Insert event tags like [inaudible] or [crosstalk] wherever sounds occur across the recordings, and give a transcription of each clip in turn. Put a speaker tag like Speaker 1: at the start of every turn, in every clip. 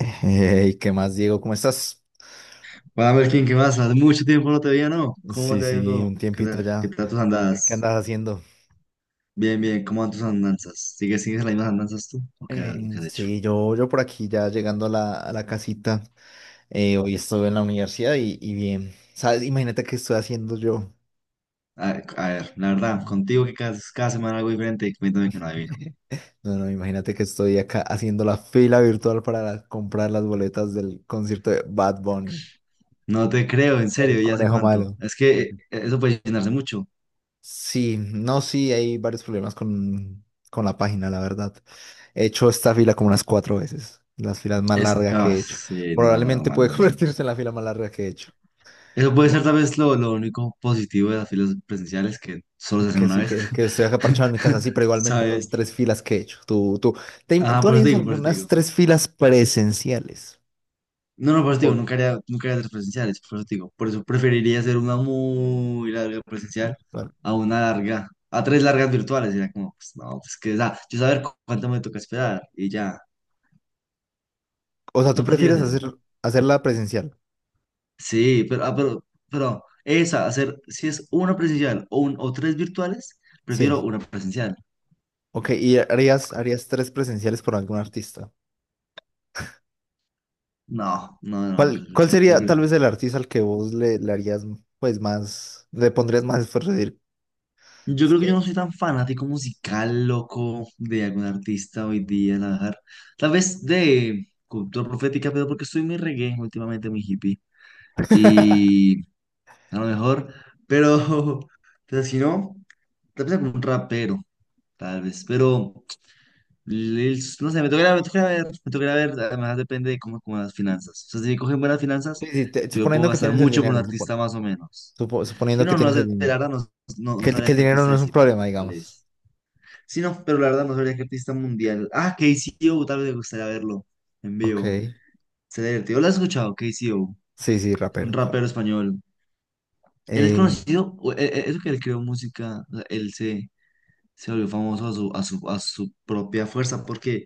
Speaker 1: Hey, ¿qué más, Diego? ¿Cómo estás?
Speaker 2: Hola Melkin, ¿qué más? Hace mucho tiempo no te veía, ¿no? ¿Cómo
Speaker 1: Sí,
Speaker 2: te ha ido
Speaker 1: sí,
Speaker 2: todo?
Speaker 1: un
Speaker 2: ¿Qué
Speaker 1: tiempito
Speaker 2: tal? ¿Qué
Speaker 1: ya.
Speaker 2: tal tus
Speaker 1: ¿Qué
Speaker 2: andadas?
Speaker 1: andas haciendo?
Speaker 2: Bien, bien, ¿cómo van tus andanzas? ¿Sigues las mismas andanzas tú? ¿O qué, qué has hecho?
Speaker 1: Sí, yo por aquí ya llegando a la casita. Hoy estuve en la universidad y bien. ¿Sabes? Imagínate qué estoy haciendo yo.
Speaker 2: A, a ver, la verdad, contigo que cada semana algo diferente y cuéntame que no adivino.
Speaker 1: [laughs] No, no, imagínate que estoy acá haciendo la fila virtual para comprar las boletas del concierto de Bad Bunny,
Speaker 2: No te creo, en serio,
Speaker 1: el
Speaker 2: ya sé
Speaker 1: conejo
Speaker 2: cuánto.
Speaker 1: malo.
Speaker 2: Es que
Speaker 1: Ujú.
Speaker 2: eso puede llenarse mucho.
Speaker 1: Sí, no, sí, hay varios problemas con la página, la verdad. He hecho esta fila como unas cuatro veces, las filas más
Speaker 2: Es,
Speaker 1: largas que
Speaker 2: ah,
Speaker 1: he hecho.
Speaker 2: sí, no,
Speaker 1: Probablemente
Speaker 2: normal,
Speaker 1: puede [laughs]
Speaker 2: normal.
Speaker 1: convertirse en la fila más larga que he hecho.
Speaker 2: Eso puede ser
Speaker 1: Bo-
Speaker 2: tal vez lo único positivo de las filas presenciales que solo se hacen
Speaker 1: Que
Speaker 2: una
Speaker 1: sí,
Speaker 2: vez.
Speaker 1: que estoy acá parchado en mi casa, sí,
Speaker 2: [laughs]
Speaker 1: pero igualmente son
Speaker 2: ¿Sabes?
Speaker 1: tres filas que he hecho.
Speaker 2: Ah,
Speaker 1: Tú
Speaker 2: por eso te
Speaker 1: harías
Speaker 2: digo, por eso te
Speaker 1: algunas
Speaker 2: digo.
Speaker 1: tres filas presenciales.
Speaker 2: No, no, por eso te digo,
Speaker 1: Por-
Speaker 2: nunca haría, nunca haría tres presenciales, por eso te digo. Por eso preferiría hacer una muy larga presencial a tres largas virtuales. Era como, pues no, pues que, o sea, yo saber cuánto me toca esperar y ya.
Speaker 1: o sea, tú
Speaker 2: ¿No prefieres
Speaker 1: prefieres
Speaker 2: eso?
Speaker 1: hacerla presencial.
Speaker 2: Sí, pero esa, hacer, si es una presencial o tres virtuales, prefiero
Speaker 1: Sí.
Speaker 2: una presencial.
Speaker 1: Ok, y harías tres presenciales por algún artista.
Speaker 2: No, no, no,
Speaker 1: ¿Cuál sería
Speaker 2: tres,
Speaker 1: tal vez el artista al que vos le harías pues más, le pondrías más esfuerzo? Es decir,
Speaker 2: yo creo que yo no soy tan fanático musical, loco, de algún artista hoy día, la verdad. Tal vez de cultura profética, pero porque estoy muy reggae últimamente, muy hippie. Y a lo mejor, pero, [laughs] pero si no, tal vez algún rapero, tal vez. Pero, no sé, me toca ir a ver, además depende de cómo las finanzas. O sea, si me cogen buenas finanzas,
Speaker 1: sí, sí,
Speaker 2: yo puedo
Speaker 1: suponiendo que
Speaker 2: gastar
Speaker 1: tienes el
Speaker 2: mucho por un
Speaker 1: dinero,
Speaker 2: artista más o menos. Si
Speaker 1: suponiendo que
Speaker 2: no, no
Speaker 1: tienes el
Speaker 2: sé, la
Speaker 1: dinero.
Speaker 2: verdad, no, no, no
Speaker 1: Que
Speaker 2: sabría
Speaker 1: el
Speaker 2: qué
Speaker 1: dinero
Speaker 2: artista
Speaker 1: no es un
Speaker 2: decirte,
Speaker 1: problema,
Speaker 2: cuál
Speaker 1: digamos.
Speaker 2: es. Sí, no, pero la verdad no sabría qué artista mundial. Ah, KCO, tal vez me gustaría verlo en
Speaker 1: Ok.
Speaker 2: vivo. Sería divertido. ¿Lo has escuchado? KCO.
Speaker 1: Sí, sí,
Speaker 2: Es un
Speaker 1: rapero. Claro.
Speaker 2: rapero español. Él es
Speaker 1: Eh,
Speaker 2: conocido, eso que él creó música, o sea, él se volvió famoso a su propia fuerza porque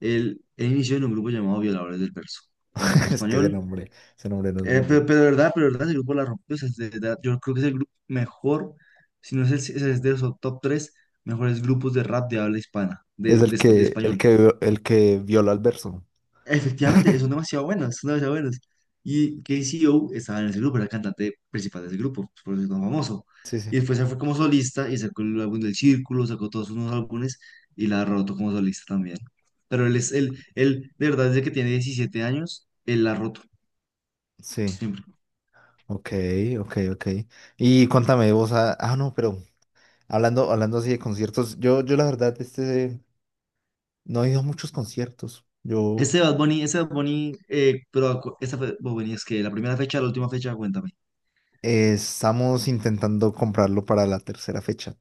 Speaker 2: él inició en un grupo llamado Violadores del Verso, en el
Speaker 1: [laughs]
Speaker 2: grupo
Speaker 1: es que
Speaker 2: español.
Speaker 1: ese nombre no es muy
Speaker 2: Eh, pero,
Speaker 1: bueno.
Speaker 2: pero de verdad, pero de verdad, ese grupo la rompió. O sea, de verdad, yo creo que es el grupo mejor, si no es, es de los top 3 mejores grupos de rap de habla hispana,
Speaker 1: Es el
Speaker 2: de
Speaker 1: que, el
Speaker 2: español.
Speaker 1: que, el que viola al verso.
Speaker 2: Efectivamente, son demasiado buenas, son demasiado buenas. Y KCO estaba en ese grupo, era el cantante principal de ese grupo, por eso es tan famoso.
Speaker 1: Sí,
Speaker 2: Y
Speaker 1: sí.
Speaker 2: después se fue como solista y sacó el álbum del Círculo, sacó todos sus nuevos álbumes y la ha roto como solista también. Pero él, de verdad, desde que tiene 17 años, él la ha roto.
Speaker 1: Sí. Ok, ok, ok. Y cuéntame vos, ah, ah, no, pero hablando así de conciertos, yo la verdad, no he ido a muchos conciertos. Yo,
Speaker 2: Bad Bunny es que la primera fecha, la última fecha, cuéntame.
Speaker 1: estamos intentando comprarlo para la tercera fecha.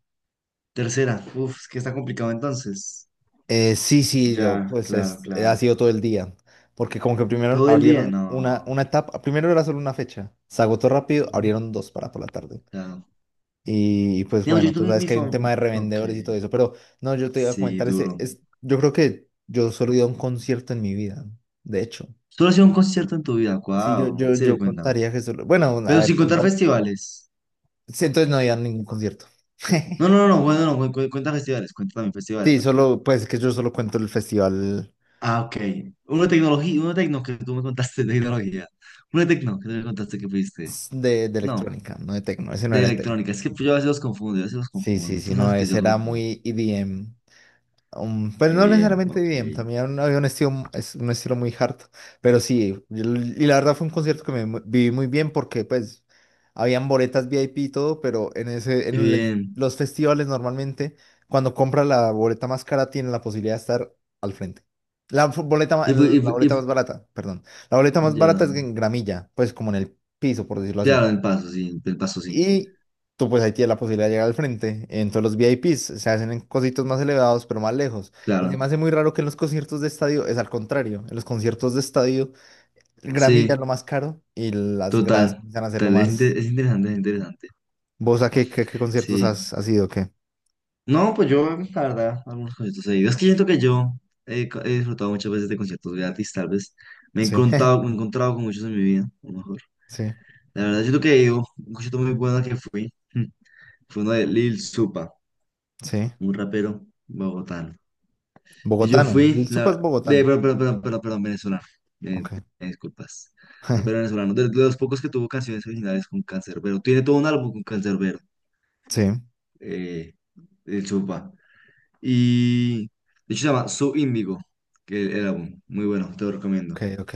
Speaker 2: Tercera, uff, es que está complicado entonces.
Speaker 1: Sí, sí,
Speaker 2: Ya,
Speaker 1: pues
Speaker 2: claro,
Speaker 1: es, ha
Speaker 2: claro.
Speaker 1: sido todo el día, porque como que primero
Speaker 2: Todo el día,
Speaker 1: abrieron
Speaker 2: no.
Speaker 1: una etapa, primero era solo una fecha, se agotó rápido,
Speaker 2: Ujú.
Speaker 1: abrieron dos para por la tarde.
Speaker 2: Claro.
Speaker 1: Y pues
Speaker 2: Digamos,
Speaker 1: bueno,
Speaker 2: yo
Speaker 1: tú
Speaker 2: tuve
Speaker 1: sabes
Speaker 2: mi
Speaker 1: que hay un
Speaker 2: favor.
Speaker 1: tema de
Speaker 2: Ok,
Speaker 1: revendedores y todo eso, pero no, yo te iba a
Speaker 2: sí,
Speaker 1: comentar ese,
Speaker 2: duro.
Speaker 1: es, yo creo que yo solo he ido a un concierto en mi vida, de hecho.
Speaker 2: Solo ha sido un concierto en tu vida,
Speaker 1: Sí,
Speaker 2: wow, en serio,
Speaker 1: yo
Speaker 2: cuéntame.
Speaker 1: contaría que solo, bueno, a
Speaker 2: Pero
Speaker 1: ver,
Speaker 2: sin contar
Speaker 1: contando,
Speaker 2: festivales.
Speaker 1: sí, entonces no había ningún concierto. [laughs]
Speaker 2: No, no, no, no, bueno, no, cuenta festivales, cuenta también festivales,
Speaker 1: Sí,
Speaker 2: me refiero.
Speaker 1: solo, pues que yo solo cuento el festival
Speaker 2: Ah, ok. Uno de tecnología, uno de tecno que tú me contaste de tecnología. Uno de tecno que tú me contaste que fuiste.
Speaker 1: de
Speaker 2: No,
Speaker 1: electrónica, no de tecno, ese no
Speaker 2: de
Speaker 1: era de tecno.
Speaker 2: electrónica. Es que yo a veces los confundo, yo a veces los
Speaker 1: Sí, sí,
Speaker 2: confundo. Tú
Speaker 1: sí, no,
Speaker 2: sabes que yo
Speaker 1: ese
Speaker 2: los
Speaker 1: era
Speaker 2: confundo.
Speaker 1: muy EDM. Pero
Speaker 2: Y
Speaker 1: no
Speaker 2: bien,
Speaker 1: necesariamente
Speaker 2: ok.
Speaker 1: EDM,
Speaker 2: Y
Speaker 1: también había un estilo, es un estilo muy hard. Pero sí, y la verdad fue un concierto que viví muy bien porque pues habían boletas VIP y todo, pero en ese, en
Speaker 2: bien.
Speaker 1: los festivales normalmente cuando compras la boleta más cara tienes la posibilidad de estar al frente. La boleta,
Speaker 2: Y, fu- y,
Speaker 1: la
Speaker 2: fu- y
Speaker 1: boleta más
Speaker 2: fu-
Speaker 1: barata, perdón. La boleta más barata
Speaker 2: ya.
Speaker 1: es en gramilla, pues como en el piso, por decirlo así.
Speaker 2: Claro, el paso, sí, el paso, sí.
Speaker 1: Y tú pues ahí tienes la posibilidad de llegar al frente. Entonces los VIPs se hacen en cositos más elevados, pero más lejos. Y se
Speaker 2: Claro.
Speaker 1: me hace muy raro que en los conciertos de estadio es al contrario. En los conciertos de estadio, el gramilla
Speaker 2: Sí.
Speaker 1: es lo más caro y las gradas
Speaker 2: Total,
Speaker 1: empiezan a ser lo
Speaker 2: total, es, inte-
Speaker 1: más...
Speaker 2: es interesante, es interesante.
Speaker 1: ¿Vos a qué conciertos
Speaker 2: Sí.
Speaker 1: has ido? ¿Qué?
Speaker 2: No, pues yo, la verdad, algunos conciertos he ido. Es que siento que yo he disfrutado muchas veces de conciertos gratis, tal vez. Me he
Speaker 1: Sí,
Speaker 2: encontrado, me he
Speaker 1: [laughs]
Speaker 2: encontrado con muchos en mi vida, a lo mejor.
Speaker 1: sí,
Speaker 2: La verdad, siento que he ido, a un concierto muy bueno que fui, [laughs] fue uno de Lil Supa,
Speaker 1: sí.
Speaker 2: un rapero bogotano. Y yo
Speaker 1: Bogotano.
Speaker 2: fui,
Speaker 1: El Supa es
Speaker 2: la, de,
Speaker 1: bogotano.
Speaker 2: pero, perdón, venezolano. Eh,
Speaker 1: Ok.
Speaker 2: Disculpas. Rapero
Speaker 1: [laughs]
Speaker 2: venezolano, de los pocos que tuvo canciones originales con Canserbero. Tiene todo un álbum con Canserbero.
Speaker 1: Sí,
Speaker 2: eh, el Chupa. Y de hecho se llama Sub Índigo, que el álbum. Muy bueno, te lo
Speaker 1: ok,
Speaker 2: recomiendo.
Speaker 1: ok.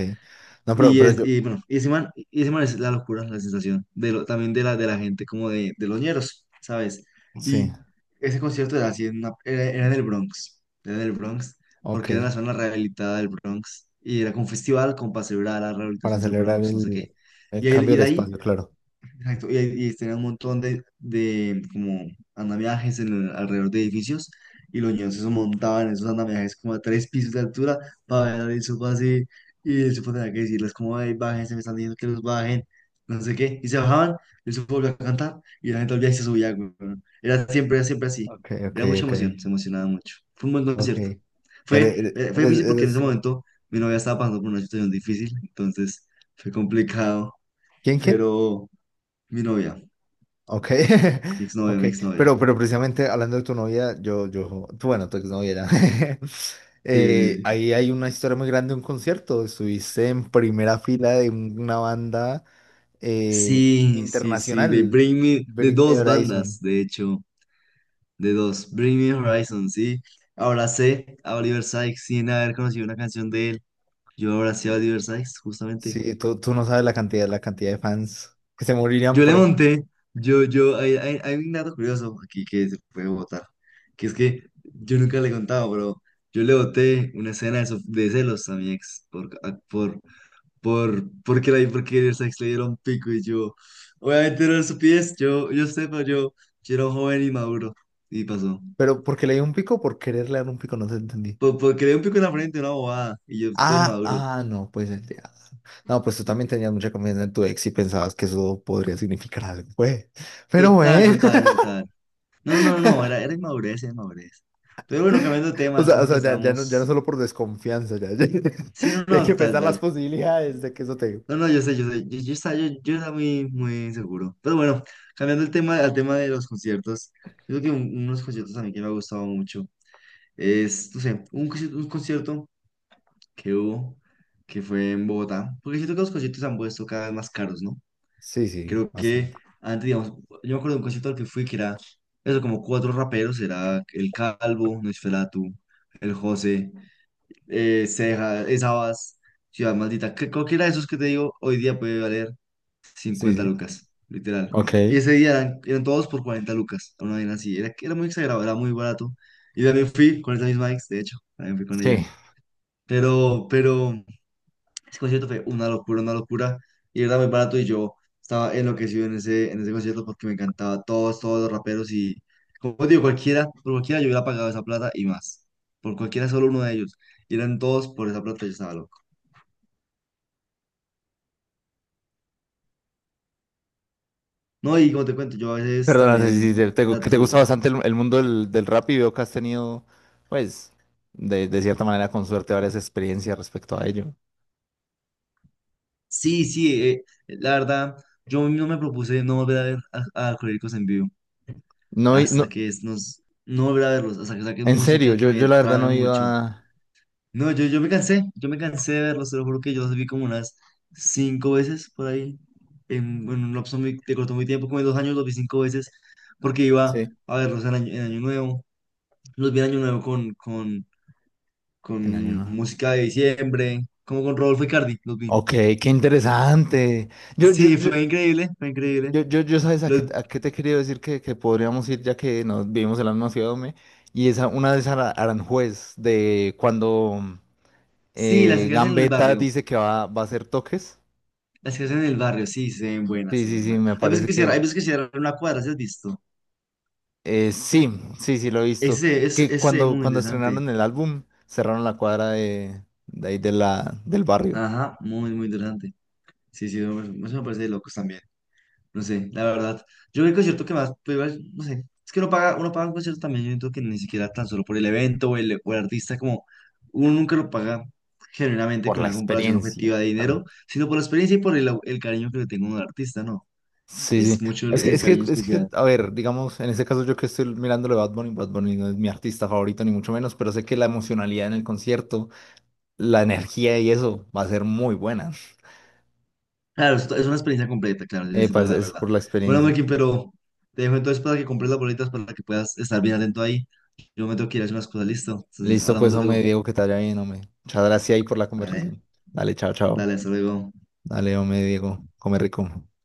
Speaker 1: No, pero yo...
Speaker 2: Y bueno, y ese man es la locura, la sensación también de la gente, como de los ñeros, ¿sabes?
Speaker 1: Sí,
Speaker 2: Y ese concierto era así, era en el Bronx, era en el Bronx,
Speaker 1: ok.
Speaker 2: porque era la zona rehabilitada del Bronx. Y era como un festival con pase a la
Speaker 1: Para
Speaker 2: rehabilitación del
Speaker 1: celebrar
Speaker 2: Bronx, no sé qué.
Speaker 1: el
Speaker 2: Y, ahí-
Speaker 1: cambio
Speaker 2: y
Speaker 1: del
Speaker 2: de ahí
Speaker 1: espacio, claro.
Speaker 2: Exacto, y tenía un montón de como andamiajes alrededor de edificios y los niños se montaban en esos andamiajes como a tres pisos de altura para ver al Isopo así y el Isopo tenía que decirles como, ay, bájense, me están diciendo que los bajen, no sé qué, y se bajaban, el Isopo volvió a cantar y la gente volvía y se subía, güey, ¿no? Era siempre así,
Speaker 1: Ok, ok,
Speaker 2: era mucha
Speaker 1: ok.
Speaker 2: emoción, se emocionaba mucho, fue un buen
Speaker 1: Ok.
Speaker 2: concierto, fue, eh, fue difícil porque en
Speaker 1: Eres
Speaker 2: ese
Speaker 1: un-
Speaker 2: momento mi novia estaba pasando por una situación difícil, entonces fue complicado,
Speaker 1: ¿Quién, quién?
Speaker 2: pero mi novia.
Speaker 1: Ok. [laughs]
Speaker 2: Exnovia,
Speaker 1: Ok.
Speaker 2: novia exnovia. Novia,
Speaker 1: Pero precisamente hablando de tu novia, yo, tú, bueno, tu exnovia era. [laughs] Eh, ahí hay una historia muy grande de un concierto. Estuviste en primera fila de una banda eh,
Speaker 2: sí, sí, sí, sí, de
Speaker 1: internacional,
Speaker 2: Bring Me, de
Speaker 1: Bring Me
Speaker 2: dos bandas,
Speaker 1: Horizon.
Speaker 2: de hecho, de dos. Bring Me Horizon, sí. Abracé a Oliver Sykes sin haber conocido una canción de él. Yo abracé a Oliver Sykes, justamente.
Speaker 1: Sí, tú no sabes la cantidad de fans que se morirían
Speaker 2: Yo le
Speaker 1: por él.
Speaker 2: monté, yo, hay un dato curioso aquí que se puede votar, que es que yo nunca le he contado, pero yo le boté una escena de celos a mi ex por a- por, por, porque la por porque Sykes le dieron pico y yo, obviamente no su pies, yo sé, pero yo era un joven y maduro y pasó.
Speaker 1: Pero porque le dio un pico, por quererle dar un pico, no te entendí.
Speaker 2: Porque le un pico en la frente, una bobada, y yo estoy
Speaker 1: Ah,
Speaker 2: maduro.
Speaker 1: ah, no, pues el de Adam. No, pues tú también tenías mucha confianza en tu ex y pensabas que eso podría significar algo, pues. Pero
Speaker 2: Total,
Speaker 1: bueno.
Speaker 2: total, total. No, no, no, no, era,
Speaker 1: [laughs]
Speaker 2: era inmadurez, era inmadurez. Pero bueno, cambiando de tema, el
Speaker 1: O
Speaker 2: tema que
Speaker 1: sea, ya, ya no, ya no
Speaker 2: estamos.
Speaker 1: solo por desconfianza, ya, ya-
Speaker 2: Sí,
Speaker 1: [laughs]
Speaker 2: no,
Speaker 1: ya hay que
Speaker 2: no, tal,
Speaker 1: pensar las
Speaker 2: tal.
Speaker 1: posibilidades de que eso te.
Speaker 2: No, no, yo sé, yo sé, yo estaba muy, muy seguro. Pero bueno, cambiando el tema, al tema de los conciertos, yo creo que unos conciertos a mí que me ha gustado mucho. Es, no sé, un concierto, que hubo, que fue en Bogotá. Porque siento que los conciertos se han puesto cada vez más caros, ¿no?
Speaker 1: Sí, sí,
Speaker 2: Creo
Speaker 1: bastante.
Speaker 2: que antes, digamos, yo me acuerdo de un concierto al que fui que era, eso, como cuatro raperos, era El Calvo, Nosferatu, El José, Ceja, Sabas, Ciudad Maldita, que cualquiera de esos que te digo, hoy día puede valer
Speaker 1: Sí,
Speaker 2: 50
Speaker 1: sí.
Speaker 2: lucas, literal.
Speaker 1: Ok.
Speaker 2: Y ese día eran todos por 40 lucas, una vaina así, era muy exagerado, era muy barato. Y también fui con esa misma ex, de hecho, también fui con ella.
Speaker 1: Sí.
Speaker 2: Pero, pero... Ese concierto fue una locura, una locura. Y era muy barato y yo estaba enloquecido en ese concierto porque me encantaba todos los raperos y, como digo, cualquiera, por cualquiera yo hubiera pagado esa plata y más. Por cualquiera, solo uno de ellos. Y eran todos por esa plata, yo estaba loco. No, y como te cuento, yo a veces
Speaker 1: Perdona, sí, sí,
Speaker 2: también
Speaker 1: que te
Speaker 2: trato
Speaker 1: gusta
Speaker 2: de...
Speaker 1: bastante el mundo del rap y veo que has tenido, pues, de cierta manera, con suerte, varias experiencias respecto a ello.
Speaker 2: Sí, sí, la verdad, yo no me propuse no volver a ver a, Alcohólicos en vivo
Speaker 1: No,
Speaker 2: hasta
Speaker 1: no,
Speaker 2: que No volver a verlos, hasta que saquen
Speaker 1: en serio,
Speaker 2: música que
Speaker 1: yo
Speaker 2: me
Speaker 1: la verdad
Speaker 2: trame
Speaker 1: no
Speaker 2: mucho.
Speaker 1: iba.
Speaker 2: No, yo me cansé, yo me cansé de verlos, te lo juro que yo los vi como unas cinco veces por ahí, en un lapso muy, te cortó muy tiempo, como de 2 años los vi cinco veces, porque iba
Speaker 1: Sí.
Speaker 2: a verlos en Año Nuevo, los vi en Año Nuevo con, con,
Speaker 1: En año
Speaker 2: con
Speaker 1: nuevo.
Speaker 2: música de diciembre, como con Rodolfo Icardi, los vi.
Speaker 1: Ok, qué interesante. Yo, yo,
Speaker 2: Sí,
Speaker 1: yo,
Speaker 2: fue increíble, fue increíble.
Speaker 1: yo, sabes
Speaker 2: Los,
Speaker 1: a qué te quería decir que podríamos ir ya que nos vivimos en la misma ciudad, hombre. Y esa, una de esas Aranjuez, de cuando
Speaker 2: sí, las que hacen en el
Speaker 1: Gambetta
Speaker 2: barrio,
Speaker 1: dice que va, va a hacer toques.
Speaker 2: las que hacen en el barrio, sí, se ven buenas,
Speaker 1: Sí,
Speaker 2: se
Speaker 1: sí,
Speaker 2: ven
Speaker 1: sí,
Speaker 2: buenas.
Speaker 1: me
Speaker 2: Hay veces
Speaker 1: parece
Speaker 2: que cierran,
Speaker 1: que.
Speaker 2: hay veces que cierran una cuadra, ¿sí has visto?
Speaker 1: Eh, sí, sí, sí, lo he visto.
Speaker 2: Ese es,
Speaker 1: Que
Speaker 2: ese muy
Speaker 1: cuando
Speaker 2: interesante.
Speaker 1: estrenaron el álbum, cerraron la cuadra de ahí de del barrio.
Speaker 2: Ajá, muy, muy interesante. Sí, sí, no, eso me parece de locos también. No sé, la verdad. Yo el concierto que más, pues, igual, no sé, es que uno paga un concierto también, yo siento que ni siquiera tan solo por el evento o o el artista, como uno nunca lo paga generalmente
Speaker 1: Por
Speaker 2: con
Speaker 1: la
Speaker 2: una comparación
Speaker 1: experiencia.
Speaker 2: objetiva de dinero, sino por la experiencia y por el cariño que le tengo a un artista, ¿no?
Speaker 1: Sí,
Speaker 2: Es
Speaker 1: sí.
Speaker 2: mucho el,
Speaker 1: Es que,
Speaker 2: el
Speaker 1: es que,
Speaker 2: cariño
Speaker 1: es que,
Speaker 2: especial.
Speaker 1: a ver, digamos, en este caso yo que estoy mirando de Bad Bunny, Bad Bunny no es mi artista favorito ni mucho menos, pero sé que la emocionalidad en el concierto, la energía y eso va a ser muy buena.
Speaker 2: Claro, es una experiencia completa, claro, es
Speaker 1: Pues,
Speaker 2: verdad,
Speaker 1: es
Speaker 2: verdad.
Speaker 1: por la
Speaker 2: Bueno,
Speaker 1: experiencia.
Speaker 2: Melkin, pero te dejo entonces para que compres las boletas para que puedas estar bien atento ahí. Yo me tengo que ir a hacer unas cosas, listo. Entonces,
Speaker 1: Listo,
Speaker 2: hablamos
Speaker 1: pues, hombre,
Speaker 2: luego.
Speaker 1: Diego, que te vaya bien, hombre. Muchas gracias ahí por la
Speaker 2: Vale,
Speaker 1: conversación. Dale, chao, chao.
Speaker 2: dale, hasta luego.
Speaker 1: Dale, hombre, Diego, come rico.